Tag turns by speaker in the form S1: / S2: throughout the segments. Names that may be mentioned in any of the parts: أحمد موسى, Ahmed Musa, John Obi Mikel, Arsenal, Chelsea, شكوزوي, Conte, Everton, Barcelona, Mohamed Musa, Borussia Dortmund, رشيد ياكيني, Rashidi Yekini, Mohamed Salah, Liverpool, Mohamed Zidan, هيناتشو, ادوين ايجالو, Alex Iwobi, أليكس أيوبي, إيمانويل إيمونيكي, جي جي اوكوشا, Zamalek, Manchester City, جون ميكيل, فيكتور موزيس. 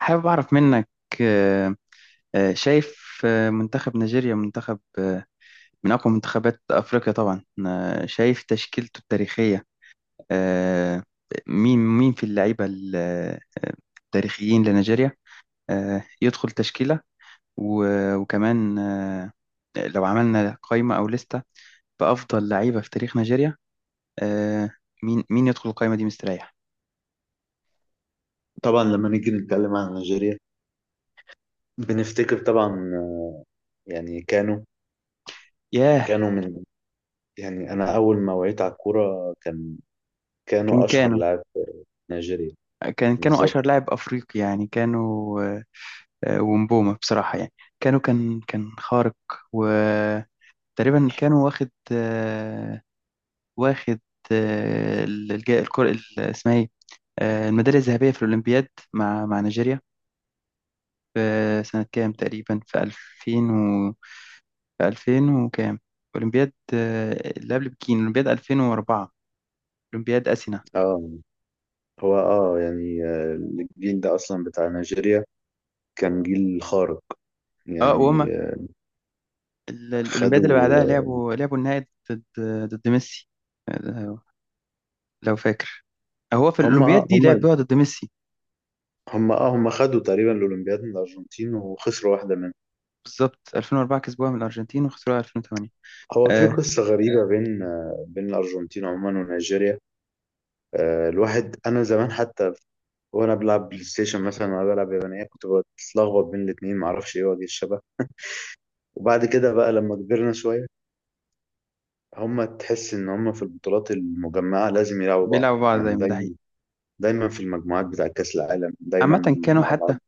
S1: حابب أعرف منك. آه، شايف، منتخب نيجيريا منتخب، من أقوى منتخبات أفريقيا طبعا. شايف تشكيلته التاريخية. آه، مين في اللعيبة التاريخيين لنيجيريا، يدخل تشكيلة. وكمان لو عملنا قائمة أو لستة بأفضل لعيبة في تاريخ نيجيريا، آه، مين يدخل القائمة دي مستريح؟
S2: طبعا لما نيجي نتكلم عن نيجيريا، بنفتكر طبعا. يعني كانوا
S1: ياه.
S2: كانوا من. يعني انا اول ما وعيت على الكوره، كان
S1: كان
S2: كانوا اشهر
S1: كانوا
S2: لاعب في نيجيريا.
S1: كانوا
S2: بالظبط.
S1: أشهر لاعب أفريقي، يعني كانوا، ومبومة بصراحة، يعني كانوا كان خارق وتقريبا كانوا واخد، واخد الكرة ال- اسمها ايه آه، الميدالية الذهبية في الأولمبياد مع نيجيريا في سنة كام تقريبا، في 2000 و، في 2000 وكام، أولمبياد، اللي قبل بكين، أولمبياد 2004، أولمبياد أثينا.
S2: اه هو، يعني، الجيل ده اصلا بتاع نيجيريا كان جيل خارق.
S1: اه، وهما
S2: يعني
S1: الأولمبياد اللي
S2: خدوا
S1: بعدها
S2: آه،
S1: لعبوا النهائي ضد، ضد ميسي، آه، لو فاكر. هو في
S2: هم
S1: الأولمبياد
S2: آه
S1: دي
S2: هم
S1: لعب بيقعد ضد ميسي.
S2: هم اه هم خدوا تقريبا الاولمبياد من الارجنتين وخسروا واحده منهم.
S1: بالظبط، 2004 كسبوها من الأرجنتين وخسروها 2008.
S2: هو في
S1: آه،
S2: قصه غريبه بين الارجنتين عموما ونيجيريا. الواحد، انا زمان حتى وانا بلعب بلاي ستيشن مثلا، وانا بلعب يابانيه كنت بتلخبط بين الاثنين، معرفش ايه وجه الشبه. وبعد كده بقى لما كبرنا شويه، هما تحس ان هما في البطولات المجمعه لازم يلعبوا بعض
S1: بيلعبوا بعض
S2: يعني
S1: دايما، ده حقيقي.
S2: دايما. دايما في المجموعات بتاع كاس العالم، دايما
S1: عامة كانوا
S2: مع
S1: حتى،
S2: بعض.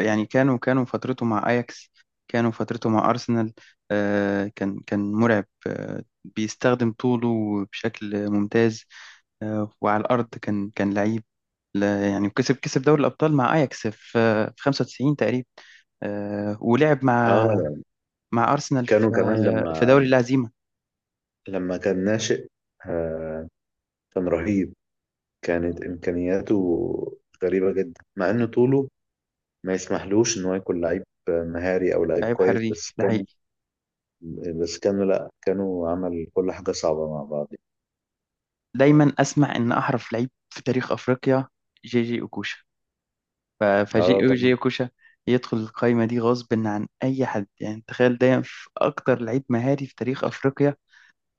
S1: يعني كانوا فترته مع أياكس، كانوا فترته مع أرسنال. آه، كان مرعب، آه، بيستخدم طوله بشكل ممتاز. آه، وعلى الأرض كان لعيب. يعني كسب دوري الأبطال مع أياكس في، في 95 تقريبا. آه، ولعب مع،
S2: اه
S1: مع أرسنال في،
S2: كانوا كمان
S1: في
S2: لما
S1: دوري الهزيمة.
S2: لما كان ناشئ. آه كان رهيب. كانت امكانياته غريبه جدا، مع ان طوله ما يسمحلوش ان هو يكون لعيب مهاري او لعيب
S1: لعيب
S2: كويس، بس
S1: حريف، ده
S2: كان
S1: حقيقي.
S2: بس كانوا، لا، كانوا عمل كل حاجة صعبة مع بعض.
S1: دايما اسمع ان احرف لعيب في تاريخ افريقيا جي جي اوكوشا. ف- فجي
S2: اه،
S1: جي
S2: طبعا.
S1: اوكوشا يدخل القائمه دي غصب عن اي حد. يعني تخيل، دايما في اكتر لعيب مهاري في تاريخ افريقيا،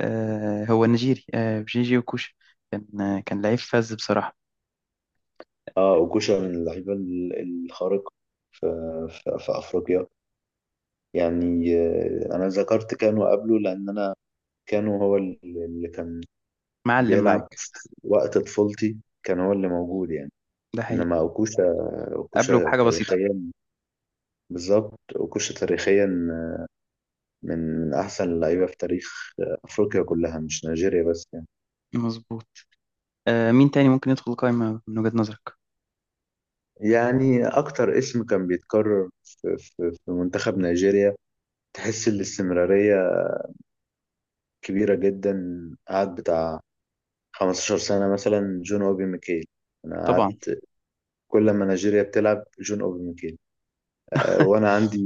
S1: آه، هو نيجيري، آه، جي جي اوكوشا. كان، آه، كان لعيب فذ بصراحه.
S2: اه وكوشا من اللعيبة الخارقة في, في في أفريقيا. يعني أنا ذكرت كانوا قبله، لأن كانوا هو اللي كان
S1: معلم
S2: بيلعب
S1: معاك.
S2: وقت طفولتي، كان هو اللي موجود يعني.
S1: ده حقيقي.
S2: إنما أوكوشا،
S1: قبله
S2: أوكوشا
S1: بحاجه بسيطه.
S2: تاريخيا. بالظبط، أوكوشا تاريخيا من أحسن اللعيبة في تاريخ أفريقيا كلها، مش نيجيريا بس يعني.
S1: مظبوط. آه، مين تاني ممكن يدخل القائمه من وجهه نظرك؟
S2: يعني أكتر اسم كان بيتكرر في منتخب نيجيريا، تحس الاستمرارية كبيرة جدا. قعد بتاع 15 سنة مثلا، جون أوبي ميكيل. أنا
S1: طبعا.
S2: قعدت كل ما نيجيريا بتلعب جون أوبي ميكيل، وأنا عندي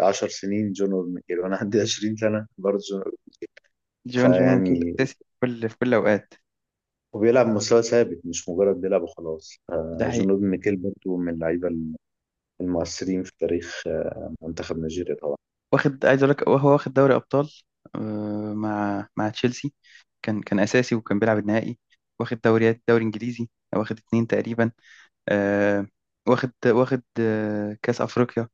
S2: 10 سنين جون أوبي ميكيل، وأنا عندي 20 سنة برضه جون أوبي.
S1: جون ميكيل
S2: فيعني،
S1: اساسي في كل، في كل الاوقات.
S2: وبيلعب مستوى ثابت مش مجرد بيلعب وخلاص.
S1: ده
S2: جون
S1: حقيقي.
S2: أوبي ميكيل برضه من اللعيبة المؤثرين في تاريخ منتخب نيجيريا طبعا.
S1: واخد، عايز اقول لك هو واخد دوري ابطال، مع، مع تشيلسي. كان اساسي وكان بيلعب النهائي. واخد دوريات، دوري انجليزي واخد اتنين تقريبا. آه، واخد كاس افريقيا،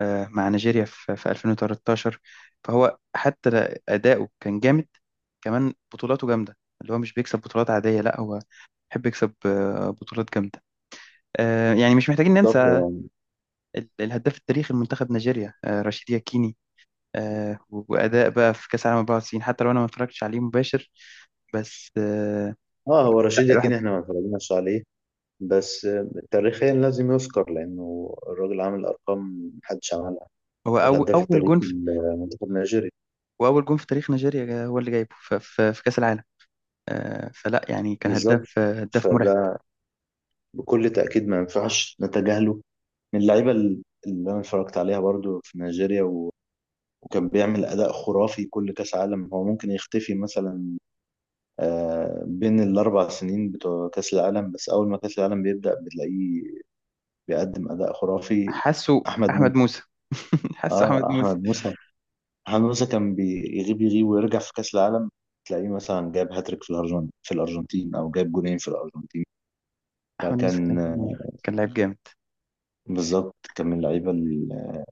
S1: مع نيجيريا في، في 2013. فهو حتى اداؤه كان جامد، كمان بطولاته جامده. اللي هو مش بيكسب بطولات عاديه، لا هو بيحب يكسب، بطولات جامده. يعني مش محتاجين
S2: بالظبط.
S1: ننسى
S2: هو
S1: الهداف التاريخي لمنتخب نيجيريا، رشيد ياكيني. آه، وأداء بقى في كأس العالم 94، حتى لو أنا ما اتفرجتش عليه مباشر، بس آه،
S2: اه هو
S1: بس لا
S2: رشيد
S1: الواحد.
S2: يقين، احنا ما اتفرجناش عليه، بس تاريخيا لازم يذكر، لانه الراجل عامل ارقام محدش عملها،
S1: هو أول،
S2: والهداف
S1: أول
S2: التاريخي
S1: جون في،
S2: لمنتخب نيجيريا.
S1: وأول جون في تاريخ نيجيريا هو اللي جايبه في كأس العالم. آه، فلا، يعني كان
S2: بالظبط.
S1: هداف، هداف مرعب.
S2: فده بكل تاكيد ما ينفعش نتجاهله، من اللعيبه اللي انا اتفرجت عليها برضو في نيجيريا، و... وكان بيعمل اداء خرافي كل كاس عالم. هو ممكن يختفي مثلا بين الاربع سنين بتوع كاس العالم، بس اول ما كاس العالم بيبدا بتلاقيه بيقدم اداء خرافي.
S1: حاسه
S2: احمد
S1: أحمد
S2: موسى.
S1: موسى. حاسه أحمد
S2: اه،
S1: موسى.
S2: احمد موسى. محمد موسى كان يغيب ويرجع في كأس العالم، تلاقيه مثلا جاب هاتريك في الأرجنتين، أو جاب جونين في الأرجنتين.
S1: أحمد موسى
S2: فكان،
S1: كان كان لعيب جامد.
S2: بالظبط، كان من اللعيبة ال-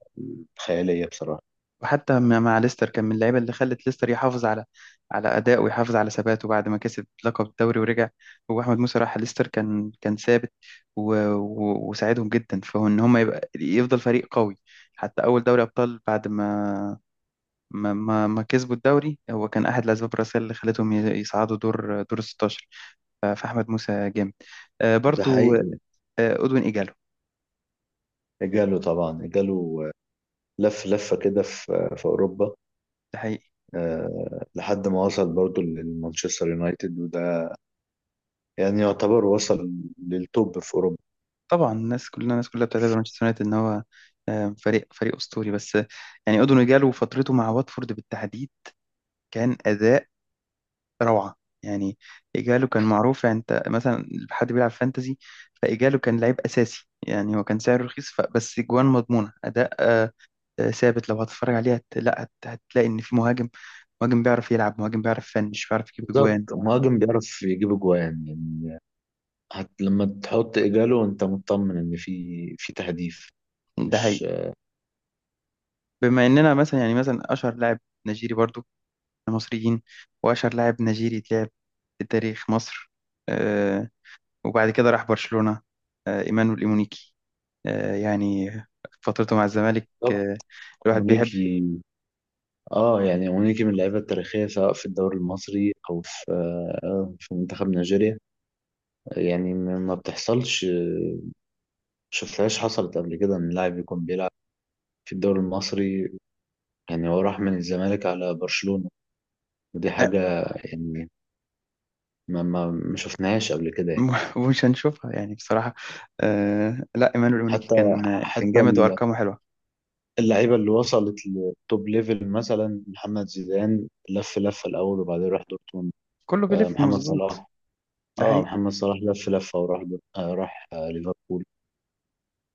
S2: الخيالية بصراحة.
S1: وحتى مع ليستر كان من اللعيبه اللي خلت ليستر يحافظ على، على اداء ويحافظ على ثباته بعد ما كسب لقب الدوري ورجع. هو احمد موسى راح ليستر كان ثابت و... و... وساعدهم جدا، فهو ان هم يبقى يفضل فريق قوي. حتى اول دوري ابطال بعد ما ما كسبوا الدوري، هو كان احد الاسباب الرئيسيه اللي خلتهم يصعدوا دور، دور ال 16. ف- فاحمد موسى جامد،
S2: ده
S1: برضو. آه،
S2: حقيقي.
S1: ادوين ايجالو،
S2: جاله طبعا، جاله، لف لفة كده في أوروبا،
S1: ده حقيقي.
S2: لحد ما وصل برضه لمانشستر يونايتد، وده يعني يعتبر وصل للتوب في أوروبا.
S1: طبعا الناس كلنا، الناس كلها بتعتبر مانشستر يونايتد ان هو، فريق اسطوري، بس آه، يعني اودون جالو فترته مع واتفورد بالتحديد كان اداء روعه. يعني ايجالو كان معروف. يعني انت مثلا حد بيلعب فانتزي، فايجالو كان لعيب اساسي. يعني هو كان سعره رخيص، بس جوان مضمونه، اداء، ثابت. لو هتتفرج عليه هت... لا هت... هتلاقي ان في مهاجم، مهاجم بيعرف يلعب، مهاجم بيعرف يفنش، بيعرف يجيب
S2: بالظبط.
S1: جوان.
S2: مهاجم بيعرف يجيب أجوان يعني، لما تحط إجاله أنت مطمن إن في تهديف،
S1: ده
S2: مش.
S1: حقيقي. بما اننا مثلا، يعني مثلا، اشهر لاعب نيجيري برضو مصريين، وأشهر لاعب نيجيري اتلعب في تاريخ مصر، آه، وبعد كده راح برشلونة، إيمانويل إيمونيكي. يعني فترته مع الزمالك،
S2: طب،
S1: آه، الواحد بيحب،
S2: مونيكي. اه، يعني مونيكي من اللعيبه التاريخيه، سواء في الدوري المصري او في منتخب نيجيريا. يعني ما بتحصلش، شفتهاش حصلت قبل كده ان لاعب يكون بيلعب في الدوري المصري، يعني هو راح من الزمالك على برشلونه. ودي
S1: آه،
S2: حاجه يعني ما شفناهاش قبل كده يعني.
S1: مش هنشوفها يعني بصراحة. لا إيمانويل إيمونيكي
S2: حتى
S1: كان
S2: حتى
S1: جامد وأرقامه حلوة.
S2: اللعيبه اللي وصلت للتوب ليفل، مثلا محمد زيدان لف لفه الاول وبعدين راح دورتموند.
S1: كله بيلف
S2: محمد
S1: مظبوط،
S2: صلاح.
S1: ده
S2: اه،
S1: حقيقي.
S2: محمد صلاح لف لفه وراح راح ليفربول،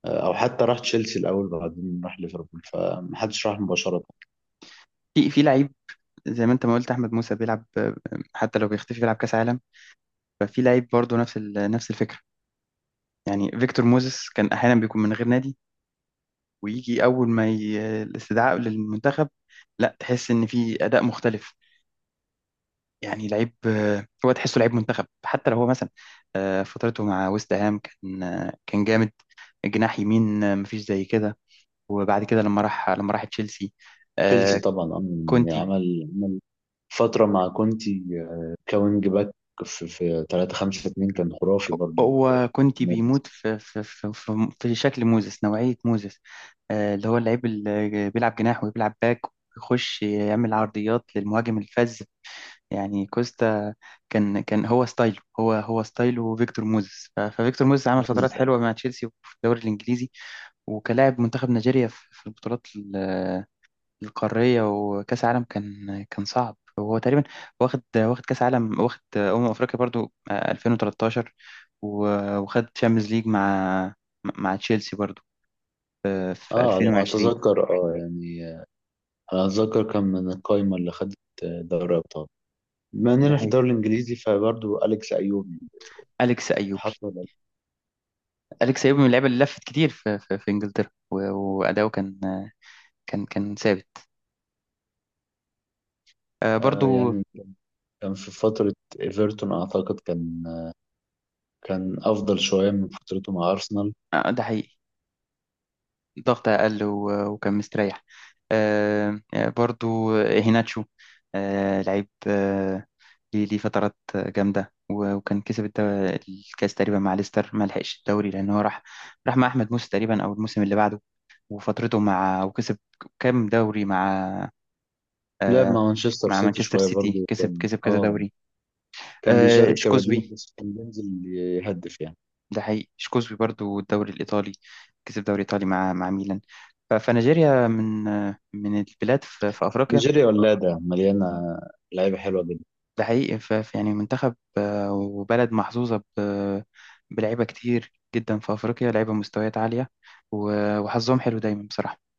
S2: او حتى راح تشيلسي الاول بعدين راح ليفربول، فمحدش راح مباشره.
S1: في، في لعيب زي ما انت ما قلت، احمد موسى بيلعب، آه، حتى لو بيختفي بيلعب كاس عالم. ففي لعيب برضه نفس نفس الفكره. يعني فيكتور موزيس كان احيانا بيكون من غير نادي، ويجي أول ما الاستدعاء للمنتخب، لا تحس إن في أداء مختلف. يعني لعيب، آه، هو تحسه لعيب منتخب. حتى لو هو مثلا، فترته مع ويست هام كان، آه، كان جامد. جناح يمين، آه، مفيش زي كده. وبعد كده لما راح، لما راح تشيلسي،
S2: تشيلسي
S1: آه،
S2: طبعا. يعني
S1: كونتي.
S2: عمل فتره مع كونتي، كوينج باك في 3-5-2 كان خرافي برضو.
S1: هو كونتي بيموت في، في شكل موزس، نوعية موزس، اللي هو اللعيب اللي بيلعب جناح وبيلعب باك، ويخش يعمل عرضيات للمهاجم الفذ يعني كوستا. كان هو ستايله فيكتور موزيس. ف- ففيكتور موزيس عمل فترات
S2: ممتاز.
S1: حلوه مع تشيلسي وفي الدوري الانجليزي، وكلاعب منتخب نيجيريا في، في البطولات القاريه وكاس عالم كان، كان صعب. وهو تقريبا واخد كاس عالم، واخد افريقيا برضو، آه، 2013. و- وخد تشامبيونز ليج مع، مع تشيلسي برضو، آه، في
S2: اه، على ما
S1: 2020.
S2: اتذكر، يعني انا اتذكر كان من القايمه اللي خدت دوري ابطال، بما
S1: ده
S2: اننا في
S1: حقيقي.
S2: الدوري الانجليزي فبرضه اليكس ايوب يعني.
S1: أليكس أيوبي.
S2: اتحط ولا لأ؟
S1: أليكس أيوبي من اللعيبة اللي لفت كتير في, في, في إنجلترا، وأداؤه كان، كان ثابت، آه، برضو.
S2: يعني كان في فتره ايفرتون، اعتقد كان افضل شويه من فترته مع ارسنال.
S1: آه، ده حقيقي. الضغط أقل وكان مستريح. برضو، آه، هيناتشو، آه، لعيب، آه، ليه، ليه فترات جامدة، وكان كسب الكاس تقريبا مع ليستر، ما لحقش الدوري لأن هو راح، راح مع أحمد موسى تقريبا أو الموسم اللي بعده. وفترته مع، وكسب كام دوري مع،
S2: لعب
S1: آه،
S2: مع مانشستر
S1: مع
S2: سيتي
S1: مانشستر
S2: شويه
S1: سيتي،
S2: برضه،
S1: كسب
S2: كان
S1: كسب كذا
S2: اه
S1: دوري.
S2: كان
S1: آه،
S2: بيشارك كبديل،
S1: شكوزوي.
S2: بس كان بينزل يهدف يعني.
S1: ده حقيقي. شكوزبي برضو الدوري الإيطالي، كسب دوري إيطالي مع، مع ميلان. ف- فنيجيريا من، من البلاد في, في أفريقيا.
S2: نيجيريا ولاده مليانه لعيبه حلوه
S1: ده حقيقي. يعني منتخب، آه، وبلد محظوظة بلعيبة كتير جدا في أفريقيا، لعيبة مستويات عالية وحظهم حلو دايما بصراحة.